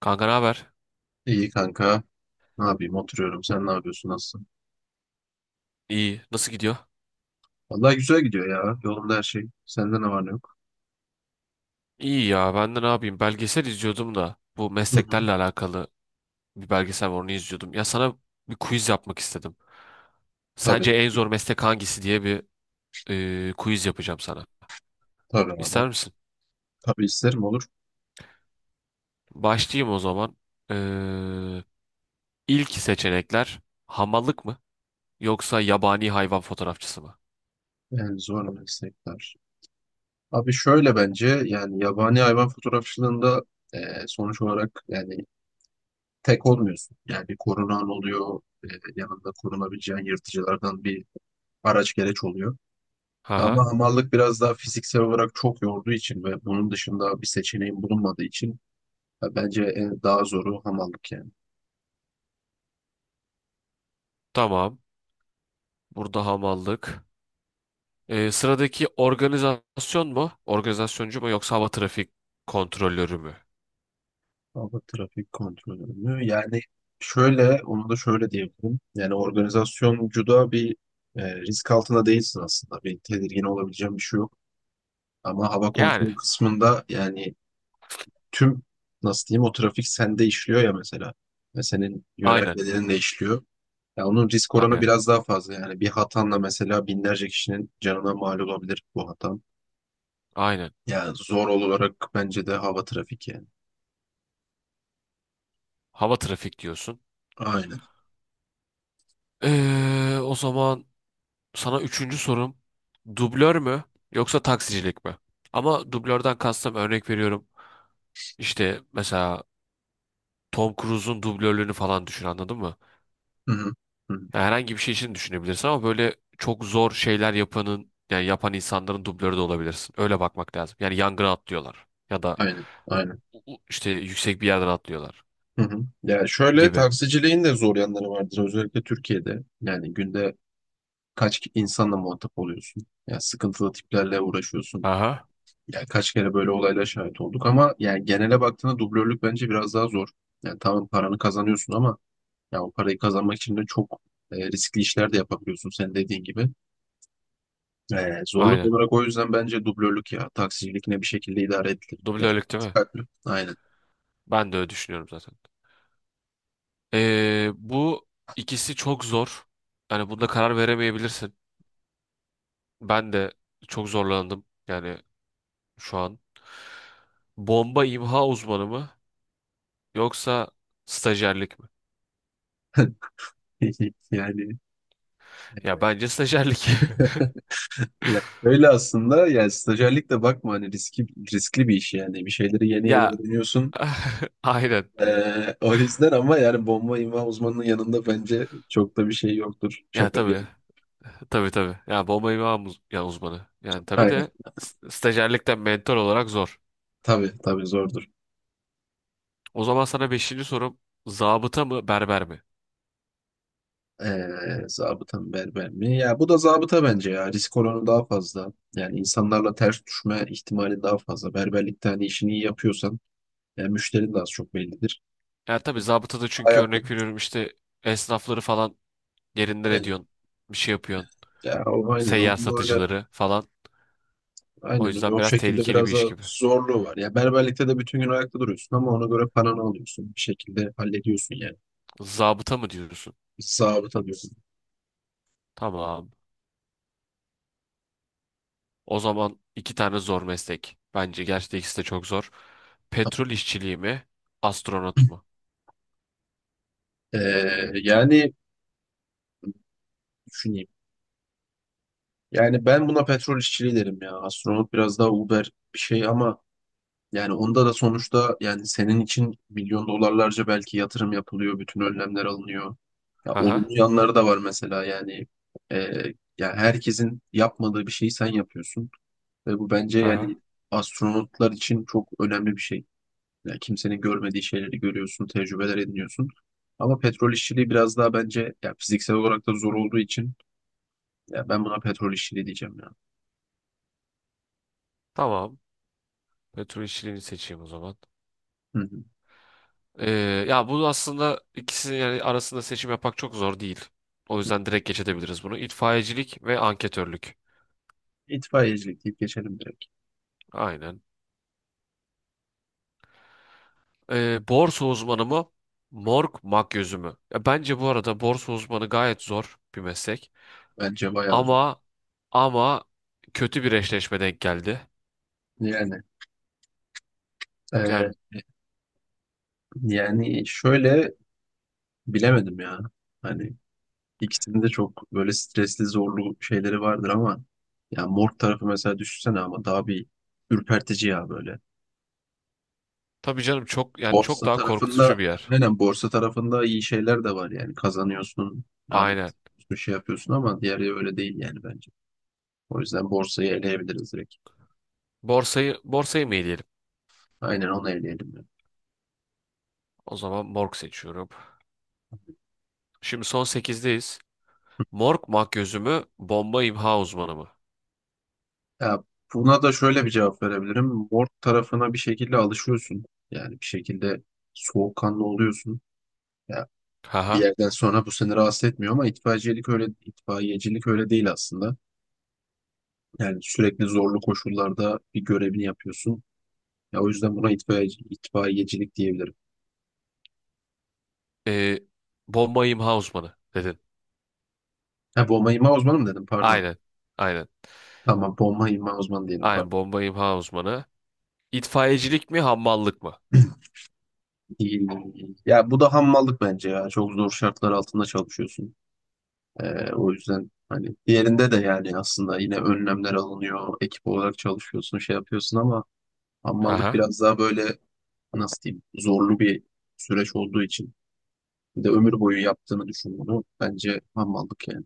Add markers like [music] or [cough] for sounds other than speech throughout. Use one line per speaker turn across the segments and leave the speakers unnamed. Kanka ne haber?
İyi kanka. Ne yapayım? Oturuyorum. Sen ne yapıyorsun? Nasılsın?
İyi. Nasıl gidiyor?
Vallahi güzel gidiyor ya. Yolunda her şey. Sende ne var ne yok?
İyi ya. Ben de ne yapayım? Belgesel izliyordum da bu
Hı hı.
mesleklerle alakalı bir belgesel var, onu izliyordum. Ya sana bir quiz yapmak istedim.
Tabii.
Sence en zor meslek hangisi diye bir quiz yapacağım sana.
Tabii abi.
İster misin?
Tabii isterim olur.
Başlayayım o zaman. E, ilk seçenekler hamallık mı yoksa yabani hayvan fotoğrafçısı mı?
Yani zor meslekler. Abi şöyle bence yani yabani hayvan fotoğrafçılığında e, sonuç olarak yani tek olmuyorsun. Yani bir korunan oluyor. Yanında korunabileceğin yırtıcılardan bir araç gereç oluyor. Ama
Haha.
hamallık biraz daha fiziksel olarak çok yorduğu için ve bunun dışında bir seçeneğin bulunmadığı için ya bence en daha zoru hamallık yani.
Tamam. Burada hamallık. Sıradaki organizasyon mu? Organizasyoncu mu yoksa hava trafik kontrolörü mü?
Hava trafik kontrolü. Yani şöyle, onu da şöyle diyebilirim. Yani organizasyoncuda bir risk altında değilsin aslında. Bir tedirgin olabileceğin bir şey yok. Ama hava
Yani
kontrolü kısmında yani tüm nasıl diyeyim o trafik sende işliyor ya mesela. Ve senin
aynen.
yönergelerin de işliyor. Ya onun risk oranı
Aynen.
biraz daha fazla. Yani bir hatanla mesela binlerce kişinin canına mal olabilir bu hatan.
Aynen.
Yani zor olarak bence de hava trafik yani.
Hava trafik diyorsun.
Aynen.
O zaman sana üçüncü sorum. Dublör mü yoksa taksicilik mi? Ama dublörden kastım örnek veriyorum. İşte mesela Tom Cruise'un dublörlüğünü falan düşün, anladın mı?
Hı hı. Hı hı.
Ya herhangi bir şey için düşünebilirsin ama böyle çok zor şeyler yapanın, yani yapan insanların dublörü de olabilirsin. Öyle bakmak lazım. Yani yangına atlıyorlar ya da
Aynen. Aynen.
işte yüksek bir yerden atlıyorlar
Hı hı. Ya şöyle
gibi.
taksiciliğin de zor yanları vardır özellikle Türkiye'de. Yani günde kaç insanla muhatap oluyorsun? Ya sıkıntılı tiplerle uğraşıyorsun.
Aha.
Ya kaç kere böyle olaylara şahit olduk ama yani genele baktığında dublörlük bence biraz daha zor. Yani tamam paranı kazanıyorsun ama ya o parayı kazanmak için de çok riskli işler de yapabiliyorsun senin dediğin gibi. Zorluk
Aynen.
olarak o yüzden bence dublörlük ya taksicilik ne bir şekilde idare edilir. Yani,
Dublörlük değil mi?
aynen.
Ben de öyle düşünüyorum zaten. Bu ikisi çok zor. Yani bunda karar veremeyebilirsin. Ben de çok zorlandım yani şu an. Bomba imha uzmanı mı yoksa stajyerlik mi?
[laughs] Yani
Ya bence stajyerlik. [laughs]
e, yani öyle aslında yani stajyerlik de bakma hani riskli bir iş yani bir şeyleri yeni yeni
Ya
öğreniyorsun.
[laughs] aynen.
O yüzden ama yani bomba imha uzmanının yanında bence çok da bir şey yoktur.
Ya
Şaka bir
tabii.
yana.
Tabii tabii. Ya bomba imha ya uzmanı. Yani tabii
Aynen.
de stajyerlikten mentor olarak zor.
Tabii tabii zordur.
O zaman sana beşinci sorum, zabıta mı berber mi?
Zabıta mı berber mi? Ya bu da zabıta bence ya. Risk oranı daha fazla. Yani insanlarla ters düşme ihtimali daha fazla. Berberlikte hani işini iyi yapıyorsan yani müşterin de az çok bellidir.
Ya tabii zabıta da, çünkü
Ayakta.
örnek veriyorum işte esnafları falan yerinden
Aynen.
ediyorsun. Bir şey yapıyorsun.
Ya o aynen. Onu
Seyyar
böyle
satıcıları falan. O
aynen öyle.
yüzden
O
biraz
şekilde
tehlikeli bir
biraz daha
iş gibi.
zorluğu var. Ya berberlikte de bütün gün ayakta duruyorsun ama ona göre paranı alıyorsun. Bir şekilde hallediyorsun yani.
Zabıta mı diyorsun?
Bir zabıt alıyorsun.
Tamam. O zaman iki tane zor meslek. Bence gerçekten ikisi de çok zor. Petrol işçiliği mi? Astronot mu?
Ee, Yani düşüneyim. Yani ben buna petrol işçiliği derim ya. Astronot biraz daha Uber bir şey ama yani onda da sonuçta yani senin için milyon dolarlarca belki yatırım yapılıyor. Bütün önlemler alınıyor. Ya
Hı hı.
olumlu yanları da var mesela yani. Ee, Ya herkesin yapmadığı bir şeyi sen yapıyorsun. Ve bu bence
Hı hı.
yani astronotlar için çok önemli bir şey. Yani kimsenin görmediği şeyleri görüyorsun, tecrübeler ediniyorsun. Ama petrol işçiliği biraz daha bence ya fiziksel olarak da zor olduğu için ya ben buna petrol işçiliği diyeceğim ya.
Tamam. Petrol işçiliğini seçeyim o zaman.
Hı hı.
Ee, Ya bu aslında ikisinin yani arasında seçim yapmak çok zor değil. O yüzden direkt geç edebiliriz bunu. İtfaiyecilik ve anketörlük.
İtfaiyecilik deyip geçelim direkt.
Aynen. Borsa uzmanı mı? Morg makyözü mü? Ya bence bu arada borsa uzmanı gayet zor bir meslek.
Bence bayağı zor.
Ama ama kötü bir eşleşme denk geldi.
Yani e,
Yani
yani şöyle bilemedim ya. Hani ikisinin de çok böyle stresli zorlu şeyleri vardır ama ya morg tarafı mesela düşünsene ama daha bir ürpertici ya böyle.
tabii canım, çok yani çok
Borsa
daha korkutucu
tarafında
bir yer.
aynen borsa tarafında iyi şeyler de var yani kazanıyorsun,
Aynen.
analiz bir şey yapıyorsun ama diğeri öyle değil yani bence. O yüzden borsayı eleyebiliriz direkt.
Borsayı mı eleyelim?
Aynen onu eleyelim. Yani.
O zaman morg seçiyorum. Şimdi son sekizdeyiz. Morg makyözü mü? Bomba imha uzmanı mı?
Ya buna da şöyle bir cevap verebilirim. Borsa tarafına bir şekilde alışıyorsun. Yani bir şekilde soğukkanlı oluyorsun. Ya bir
Haha.
yerden sonra bu seni rahatsız etmiyor ama itfaiyecilik öyle değil aslında. Yani sürekli zorlu koşullarda bir görevini yapıyorsun. Ya o yüzden buna itfaiyecilik diyebilirim.
Ee, Bomba imha uzmanı dedin.
Ha, bomba imha uzmanı mı dedim pardon.
Aynen. Aynen.
Tamam bomba imha uzmanı diyelim pardon.
Aynen, bomba imha uzmanı. İtfaiyecilik mi hammallık mı?
[clears throat] İyi, iyi, Ya bu da hammallık bence ya. Çok zor şartlar altında çalışıyorsun. O yüzden hani diğerinde de yani aslında yine önlemler alınıyor. Ekip olarak çalışıyorsun, şey yapıyorsun ama hammallık
Haha.
biraz daha böyle nasıl diyeyim zorlu bir süreç olduğu için. Bir de ömür boyu yaptığını düşün bunu. Bence hammallık yani.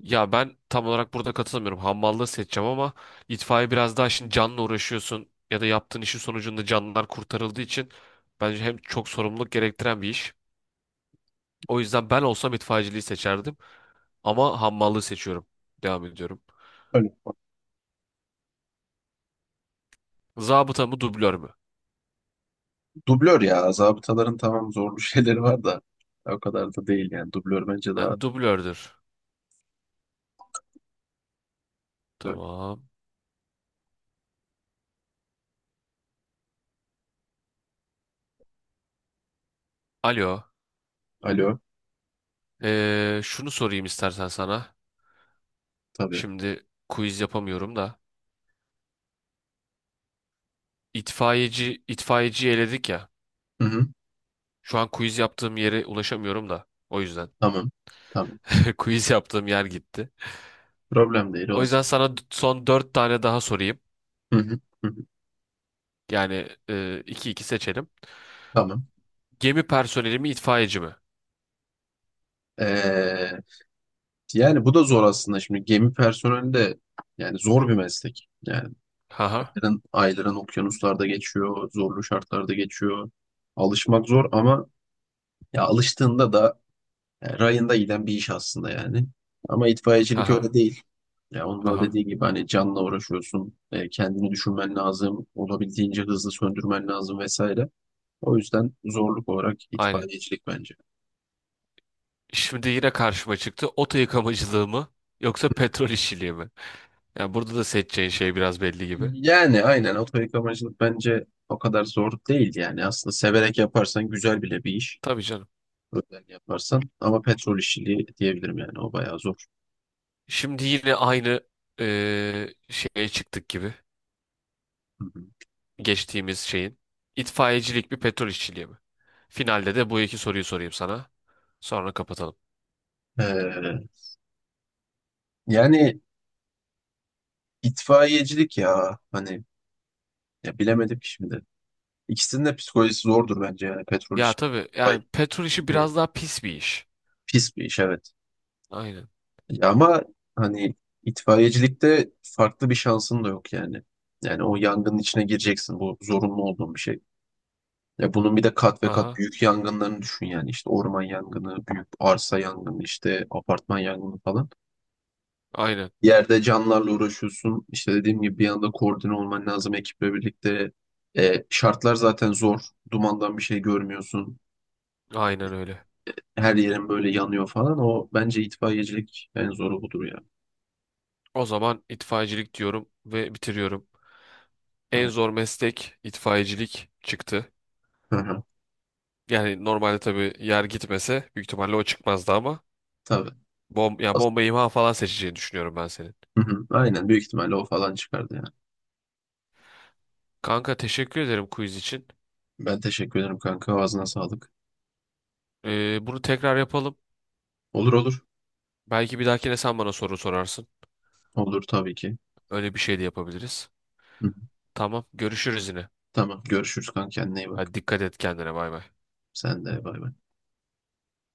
Ya ben tam olarak burada katılmıyorum. Hammallığı seçeceğim ama itfaiye biraz daha, şimdi canla uğraşıyorsun ya da yaptığın işin sonucunda canlılar kurtarıldığı için bence hem çok sorumluluk gerektiren bir iş. O yüzden ben olsam itfaiyeciliği seçerdim ama hammallığı seçiyorum. Devam ediyorum.
Öyle.
Zabıta mı dublör mü?
Dublör ya. Zabıtaların tamam zorlu [laughs] şeyleri var da o kadar da değil yani. Dublör bence daha...
Yani dublördür.
Evet.
Tamam. Alo.
Alo.
Şunu sorayım istersen sana.
Tabii.
Şimdi quiz yapamıyorum da. İtfaiyeciyi eledik ya.
Hı hı.
Şu an quiz yaptığım yere ulaşamıyorum da. O yüzden.
Tamam. Tamam.
[laughs] Quiz yaptığım yer gitti.
Problem değil
O yüzden
olsun.
sana son dört tane daha sorayım.
Hı hı. Hı hı.
Yani iki iki seçelim.
Tamam.
Gemi personeli mi itfaiyeci mi?
Ee, Yani bu da zor aslında. Şimdi gemi personeli de yani zor bir meslek. Yani
Haha.
ayların okyanuslarda geçiyor, zorlu şartlarda geçiyor. Alışmak zor ama ya alıştığında da yani rayında giden bir iş aslında yani. Ama itfaiyecilik öyle
Haha.
değil. Ya onun da
Haha.
dediği gibi hani canla uğraşıyorsun, kendini düşünmen lazım, olabildiğince hızlı söndürmen lazım vesaire. O yüzden zorluk olarak
Aynen.
itfaiyecilik bence.
Şimdi yine karşıma çıktı. Oto yıkamacılığı mı? Yoksa petrol işçiliği mi? Yani burada da seçeceğin şey biraz belli gibi.
Yani aynen oto yıkamacılık bence o kadar zor değil yani. Aslında severek yaparsan güzel bile bir iş.
Tabii canım.
Özel yaparsan. Ama petrol işçiliği diyebilirim yani. O bayağı zor.
Şimdi yine aynı şeye çıktık gibi.
Hı hı.
Geçtiğimiz şeyin. İtfaiyecilik mi petrol işçiliği mi? Finalde de bu iki soruyu sorayım sana. Sonra kapatalım.
Ee, Yani itfaiyecilik ya hani ya bilemedim ki şimdi. İkisinin de psikolojisi zordur bence yani petrol
Ya
işi
tabii,
kolay
yani petrol işi
değil.
biraz daha pis bir iş.
Pis bir iş evet.
Aynen.
Ya ama hani itfaiyecilikte farklı bir şansın da yok yani. Yani o yangının içine gireceksin. Bu zorunlu olduğun bir şey. Ya bunun bir de kat ve kat
Aha.
büyük yangınlarını düşün yani. İşte orman yangını, büyük arsa yangını, işte apartman yangını falan.
Aynen.
Yerde canlarla uğraşıyorsun. İşte dediğim gibi bir anda koordine olman lazım ekiple birlikte. Şartlar zaten zor. Dumandan bir şey görmüyorsun.
Aynen öyle.
Her yerin böyle yanıyor falan. O bence itfaiyecilik en zoru budur ya.
O zaman itfaiyecilik diyorum ve bitiriyorum. En
Evet.
zor meslek itfaiyecilik çıktı.
Hı hı.
Yani normalde tabii yer gitmese büyük ihtimalle o çıkmazdı ama
Tabii.
ya bomba imha falan seçeceğini düşünüyorum ben senin.
Hı hı, aynen büyük ihtimalle o falan çıkardı yani.
Kanka teşekkür ederim quiz için.
Ben teşekkür ederim kanka. Ağzına sağlık.
Bunu tekrar yapalım.
Olur olur.
Belki bir dahakine sen bana soru sorarsın.
Olur tabii ki.
Öyle bir şey de yapabiliriz.
Hı hı.
Tamam, görüşürüz yine.
Tamam görüşürüz kanka kendine iyi bak.
Hadi dikkat et kendine, bay bay.
Sen de bay bay.